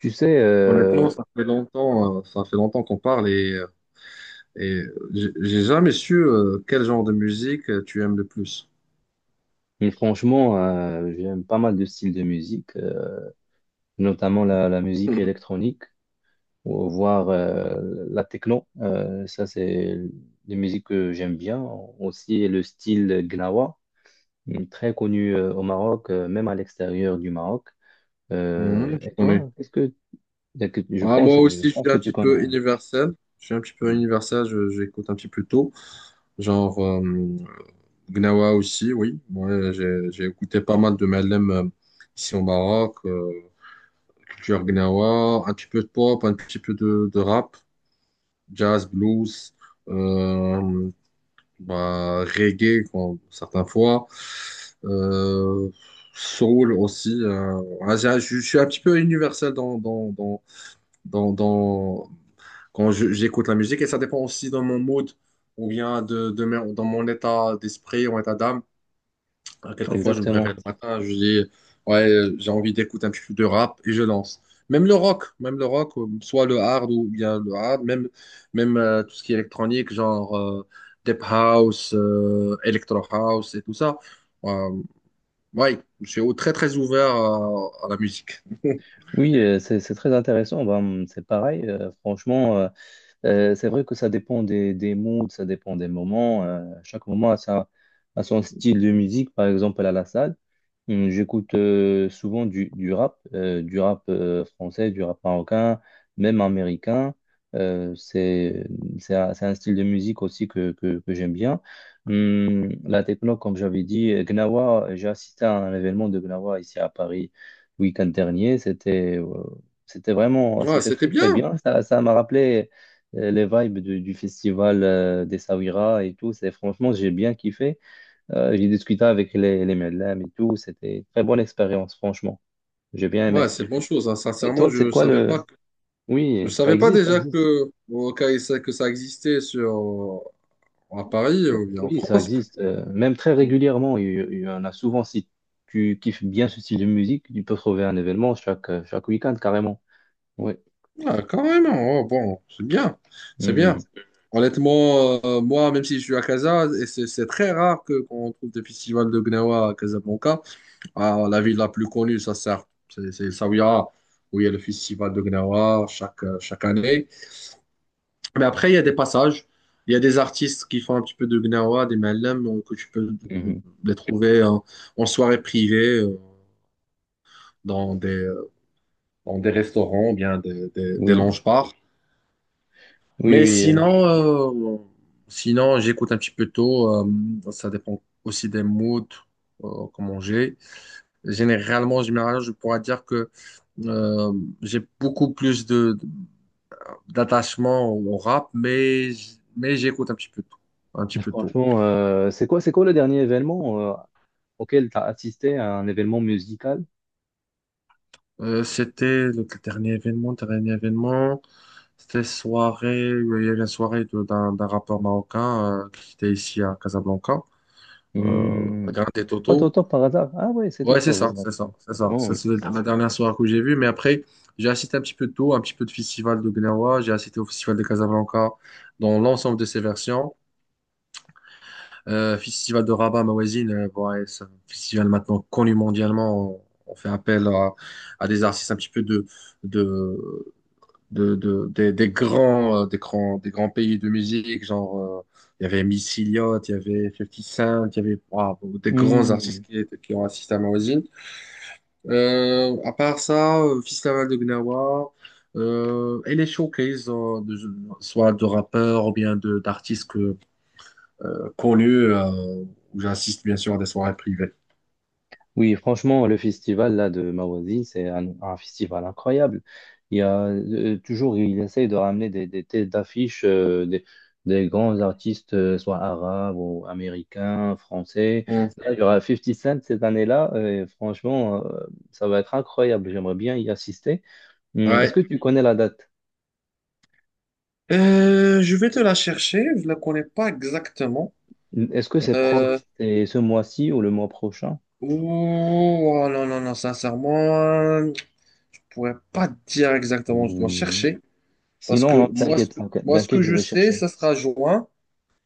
Tu sais, Honnêtement, ça fait longtemps qu'on parle et j'ai jamais su quel genre de musique tu aimes le plus. franchement, j'aime pas mal de styles de musique, notamment la musique électronique, voire la techno. Ça, c'est des musiques que j'aime bien. Aussi, le style Gnawa, très connu au Maroc, même à l'extérieur du Maroc. Mhm, je Et connais. toi, je Ah, pense, moi je aussi, je pense suis que un tu petit connais, peu hein. universel. Je suis un petit peu Mm, universel, j'écoute un petit peu tout. Genre Gnawa aussi, oui. Moi, j'ai écouté pas mal de Malem ici au Maroc, culture Gnawa, un petit peu de pop, un petit peu de rap, jazz, blues. Euh, Bah, reggae quand certaines fois, euh, soul aussi. Je suis un petit peu universel dans, dans- quand j'écoute la musique et ça dépend aussi de mon mood ou bien dans mon état d'esprit, mon état d'âme. Quelquefois, je me réveille exactement. le matin, je dis, ouais, j'ai envie d'écouter un petit peu de rap et je lance. Même le rock, soit le hard ou bien le hard, même tout ce qui est électronique, genre Deep House, Electro House et tout ça. Euh, ouais, je suis très très ouvert à la musique. Oui, c'est très intéressant. Ben, c'est pareil, franchement, c'est vrai que ça dépend des moods, ça dépend des moments. Chaque moment a son style de musique. Par exemple, à la salle, j'écoute souvent du rap français, du rap marocain, même américain. Euh, c'est c'est un style de musique aussi que j'aime bien. La techno, comme j'avais dit, Gnawa, j'ai assisté à un événement de Gnawa ici à Paris week-end dernier. C'était euh, c'était vraiment, Ouais, c'était c'était très très bien. bien. Ça m'a rappelé les vibes du festival des Saouira et tout. C'est franchement, j'ai bien kiffé. J'ai discuté avec les Medlem et tout. C'était une très bonne expérience, franchement. J'ai bien Ouais, aimé. c'est une bonne chose, hein. Et Sincèrement, toi, c'est quoi le. Je Oui, ça savais pas existe, ça déjà existe. que, que ça existait à Paris ou bien en Oui, ça France. existe. Même très régulièrement, il y en a souvent. Si tu kiffes bien ce style de musique, tu peux trouver un événement chaque week-end, carrément. Oui. Ah, carrément. Oh, bon, c'est bien. C'est Mhm. bien. Honnêtement, moi, même si je suis à Casa, et c'est très rare que qu'on trouve des festivals de Gnawa à Casablanca. Ah, la ville la plus connue, ça sert. C'est Zaouia, où il y a le festival de Gnawa chaque année. Mais après, il y a des passages. Il y a des artistes qui font un petit peu de Gnawa, des Malem, que tu peux euh, Mhm. les trouver en soirée privée, dans des, euh, dans des restaurants, bien des Oui, lounge-bars. oui, Mais oui. Sinon j'écoute un petit peu tôt. Ça dépend aussi des moods, comment j'ai. Généralement, en général, je pourrais dire que euh, j'ai beaucoup plus de d'attachement au rap, mais j'écoute un petit peu tôt, un petit peu tôt. Franchement, c'est quoi le dernier événement auquel tu as assisté à un événement musical? C'était le dernier événement, dernier événement. C'était soirée, il y avait une soirée d'un rappeur marocain qui était ici à Casablanca, à Hmm, Grand et C'est pas Toto. Toto par hasard? Ah ouais, c'est Ouais, c'est Toto, ça, voilà. c'est ça, c'est ça. Franchement, Ça, oui. c'est la dernière soirée que j'ai vue. Mais après, j'ai assisté un petit peu de tout, un petit peu de festival de Gnawa. J'ai assisté au festival de Casablanca dans l'ensemble de ses versions. Festival de Rabat, ma voisine, bon, ouais, c'est un festival maintenant connu mondialement. On fait appel à des artistes un petit peu de, des grands pays de musique. Genre, il y avait Missy Elliott, il y avait 50 Cent, il y avait des grands Hmm, artistes qui ont assisté à ma voisine. À part ça, festival de Gnawa et les showcases, soit de rappeurs ou bien de d'artistes connus, où j'assiste bien sûr à des soirées privées. oui, franchement, le festival là de ma c'est un festival incroyable. Il y a toujours, il essaye de ramener des têtes d'affiche des grands artistes, soit arabes ou américains, français. Hmm. Là, il y aura 50 Cent cette année-là, et franchement, ça va être incroyable. J'aimerais bien y assister. Est-ce Ouais. que tu connais la date? Je vais te la chercher, je la connais pas exactement. Est-ce que c'est Euh, proche? C'est ce mois-ci ou le mois prochain? ouh, oh non, non, non, sincèrement, je pourrais pas te dire exactement, je dois Hmm. chercher. Parce Sinon, non, que moi, t'inquiète, t'inquiète, ce t'inquiète, que je je vais sais, chercher. ça sera juin.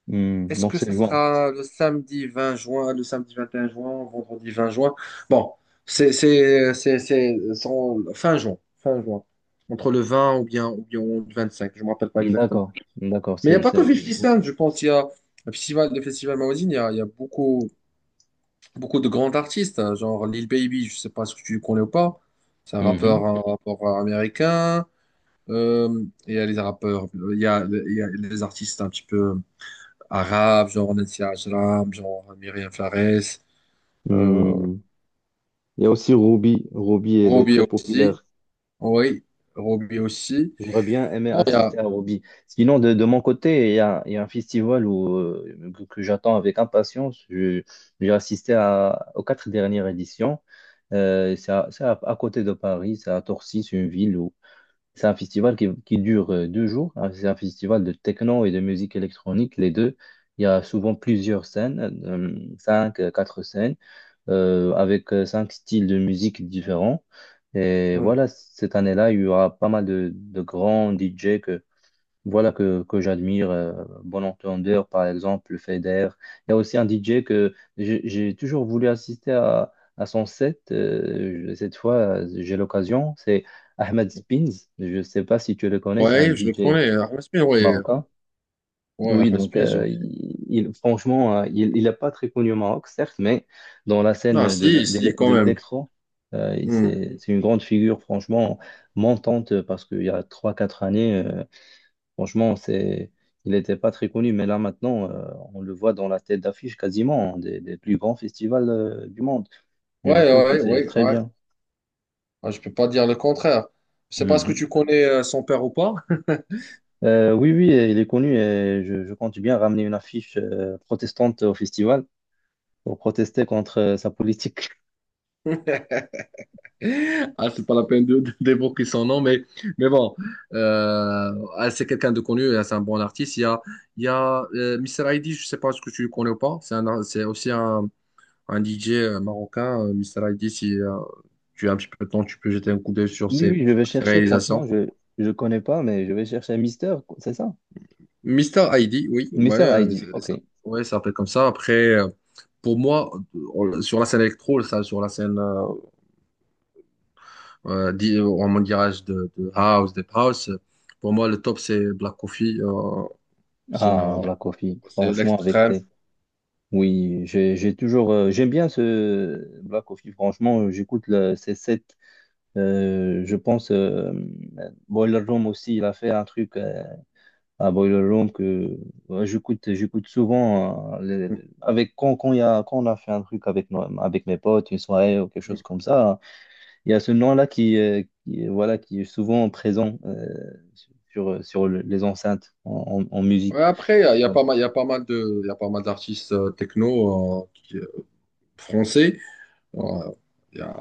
Est-ce Donc que c'est ça juin. sera le samedi 20 juin, le samedi 21 juin, vendredi 20 juin? Bon, fin juin, entre le 20 ou bien le 25, je ne me rappelle pas Hmm, exactement. d'accord, d'accord, Mais il n'y a c'est, pas que c'est... 50 Cent, je pense, il y a le festival Maozine, il y a beaucoup, beaucoup de grands artistes, hein, genre Lil Baby, je ne sais pas si tu le connais ou pas, c'est Mhm. Un rappeur américain. Euh, il y a les rappeurs, il y a les artistes un petit peu arabe, genre Nasser Ajram, genre Myriam Flores, euh, Hmm. Il y a aussi Ruby. Ruby, elle est Roby très aussi, populaire. oui, Roby aussi. J'aurais bien aimé Bon, il y a, assister à Ruby. Sinon, de mon côté, il y a un festival où, que j'attends avec impatience. J'ai assisté aux quatre dernières éditions. À côté de Paris, c'est à Torcy, c'est une ville où. C'est un festival qui dure 2 jours. Ah, c'est un festival de techno et de musique électronique, les deux. Il y a souvent plusieurs scènes, cinq, quatre scènes, avec cinq styles de musique différents. Et hmm, voilà, cette année-là, il y aura pas mal de grands DJ que, voilà que j'admire. Bon entendeur, par exemple, Feder. Il y a aussi un DJ que j'ai toujours voulu assister à son set. Cette fois, j'ai l'occasion. C'est Ahmed Spins. Je ne sais pas si tu le connais. C'est un ouais, je le DJ connais, Ahmed Smith, ouais, marocain. ouais, Oui, Ahmed donc Smith, ouais. Franchement, il n'est pas très connu au Maroc, certes, mais dans la Non, scène si, si, quand de même. l'électro, Hmm. c'est une grande figure, franchement, montante, parce qu'il y a trois quatre années. Franchement, il n'était pas très connu, mais là maintenant, on le voit dans la tête d'affiche quasiment hein, des plus grands festivals du monde. Ouais, Mais je trouve que ouais, ouais, c'est ouais, très ouais. bien. Ah, je peux pas dire le contraire. Je sais pas ce que Mhm. tu connais son père ou pas. Oui, oui, il est connu et je compte bien ramener une affiche protestante au festival pour protester contre sa politique. Ah, c'est pas la peine d'évoquer son nom, mais bon, c'est quelqu'un de connu, ah, c'est un bon artiste. Il y a Mr. Aidi, je sais pas ce que tu le connais ou pas. C'est aussi un DJ marocain. Mr. Aidi, si tu as un petit peu de temps, tu peux jeter un coup d'œil sur Oui, ses, oui, je vais ses chercher, réalisations. franchement, je ne connais pas, mais je vais chercher Mister, c'est ça? Mister Aidi, oui, ouais, Mister Heidi, ok. ça, ouais, ça s'appelle comme ça. Après, pour moi, sur la scène électro, ça, sur la scène. En mon dirage de house, deep house. Pour moi, le top, c'est Black Coffee. Ah, Sinon, Black Coffee, c'est franchement, avec l'extrême. ses, Oui, j'aime bien ce Black Coffee. Franchement, j'écoute le C7. Je pense Boiler Room aussi. Il a fait un truc à Boiler Room que ouais, j'écoute souvent Ouais, avec quand il y a quand on a fait un truc avec mes potes une soirée ou quelque chose comme ça. Il y a ce nom-là voilà qui est souvent présent sur les enceintes en musique. après, Voilà. Il y a pas mal d'artistes techno français. Euh, Il y a,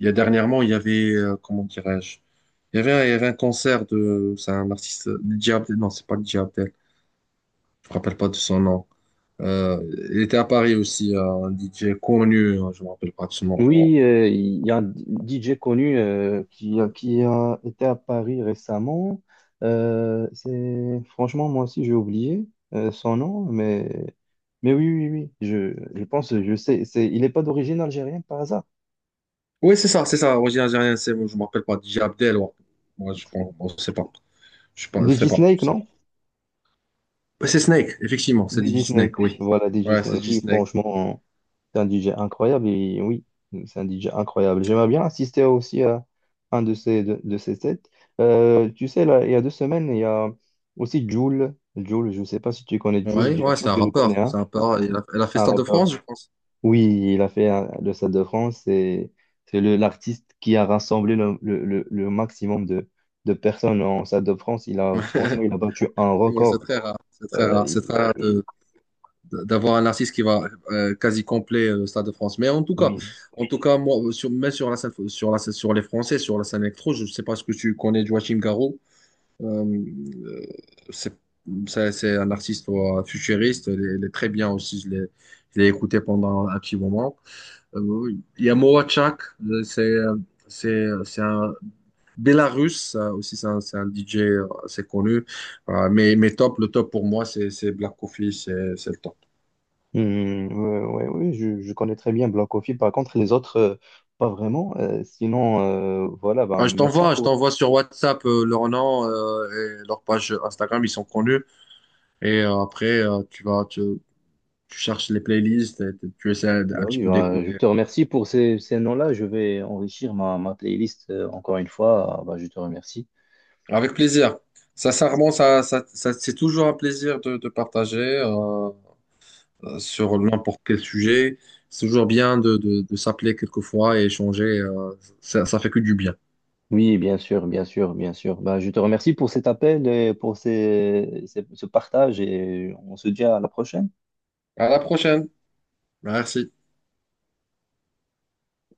il y a dernièrement, il y avait, comment dirais-je, il y avait un concert de, c'est un artiste, Dj Abdel, non, c'est pas Dj Abdel, je me rappelle pas de son nom. Euh, il était à Paris aussi, un DJ connu, je me rappelle pas de son nom. Bon. Oui, il y a un DJ connu qui a été à Paris récemment. C'est franchement moi aussi j'ai oublié son nom, mais oui oui oui, je pense, je sais, c'est, il n'est pas d'origine algérienne par hasard. Oui, c'est ça, c'est ça. Origine algérienne, c'est, je me rappelle pas. DJ Abdel, ouais. Moi, je pense, bon, je sais pas. Je sais pas, je sais DJ pas, Snake, je sais pas. non? Ouais, c'est Snake, effectivement, c'est DJ DJ Snake, Snake, oui. voilà, DJ Ouais, c'est Snake, DJ oui, Snake. franchement, c'est un DJ incroyable, et oui, c'est un DJ incroyable. J'aimerais bien assister aussi à un de ces sets. Tu sais, là, il y a 2 semaines, il y a aussi Jul. Jul, je ne sais pas si tu connais Jul, Ouais, bien ouais, c'est sûr, un tu le connais, rappeur. hein, C'est un rappeur. Il a fait un Stade de rappeur. France, je pense. Oui, il a fait le Stade de France, et c'est l'artiste qui a rassemblé le maximum de personnes en Stade de France. Il a, franchement, il a battu un Effectivement, c'est record. très rare. C'est très Euh, rare. C'est il- très rare d'avoir un artiste qui va quasi complet le Stade de France. Mais en tout cas, oui, en tout cas, moi, mais sur la scène, sur les Français, sur la scène électro, je sais pas ce que tu connais de Joachim Garraud. Euh, c'est c'est un artiste futuriste, il est très bien aussi, je l'ai écouté pendant un petit moment. Euh, il y a Morachak, c'est un Bélarus, ça aussi c'est un DJ assez connu. Mais top, le top pour moi c'est Black Coffee, c'est le top. hmm, ouais, ouais, oui, je connais très bien Black Coffee. Par contre, les autres, pas vraiment. Sinon, voilà, bah, Ah, je merci t'envoie, je pour. t'envoie sur WhatsApp leur nom et leur page Instagram, ils sont connus. Et après, tu cherches les playlists, et tu essaies un, Bah un petit oui, peu bah, je d'écouter. te remercie pour ces noms-là. Je vais enrichir ma playlist encore une fois. Ah, bah, je te remercie. Avec plaisir. Sincèrement, c'est toujours un plaisir de partager sur n'importe quel sujet. C'est toujours bien de s'appeler quelquefois et échanger. Ça fait que du bien. Oui, bien sûr, bien sûr, bien sûr. Bah, je te remercie pour cet appel et pour ce partage, et on se dit à la prochaine. À la prochaine. Merci.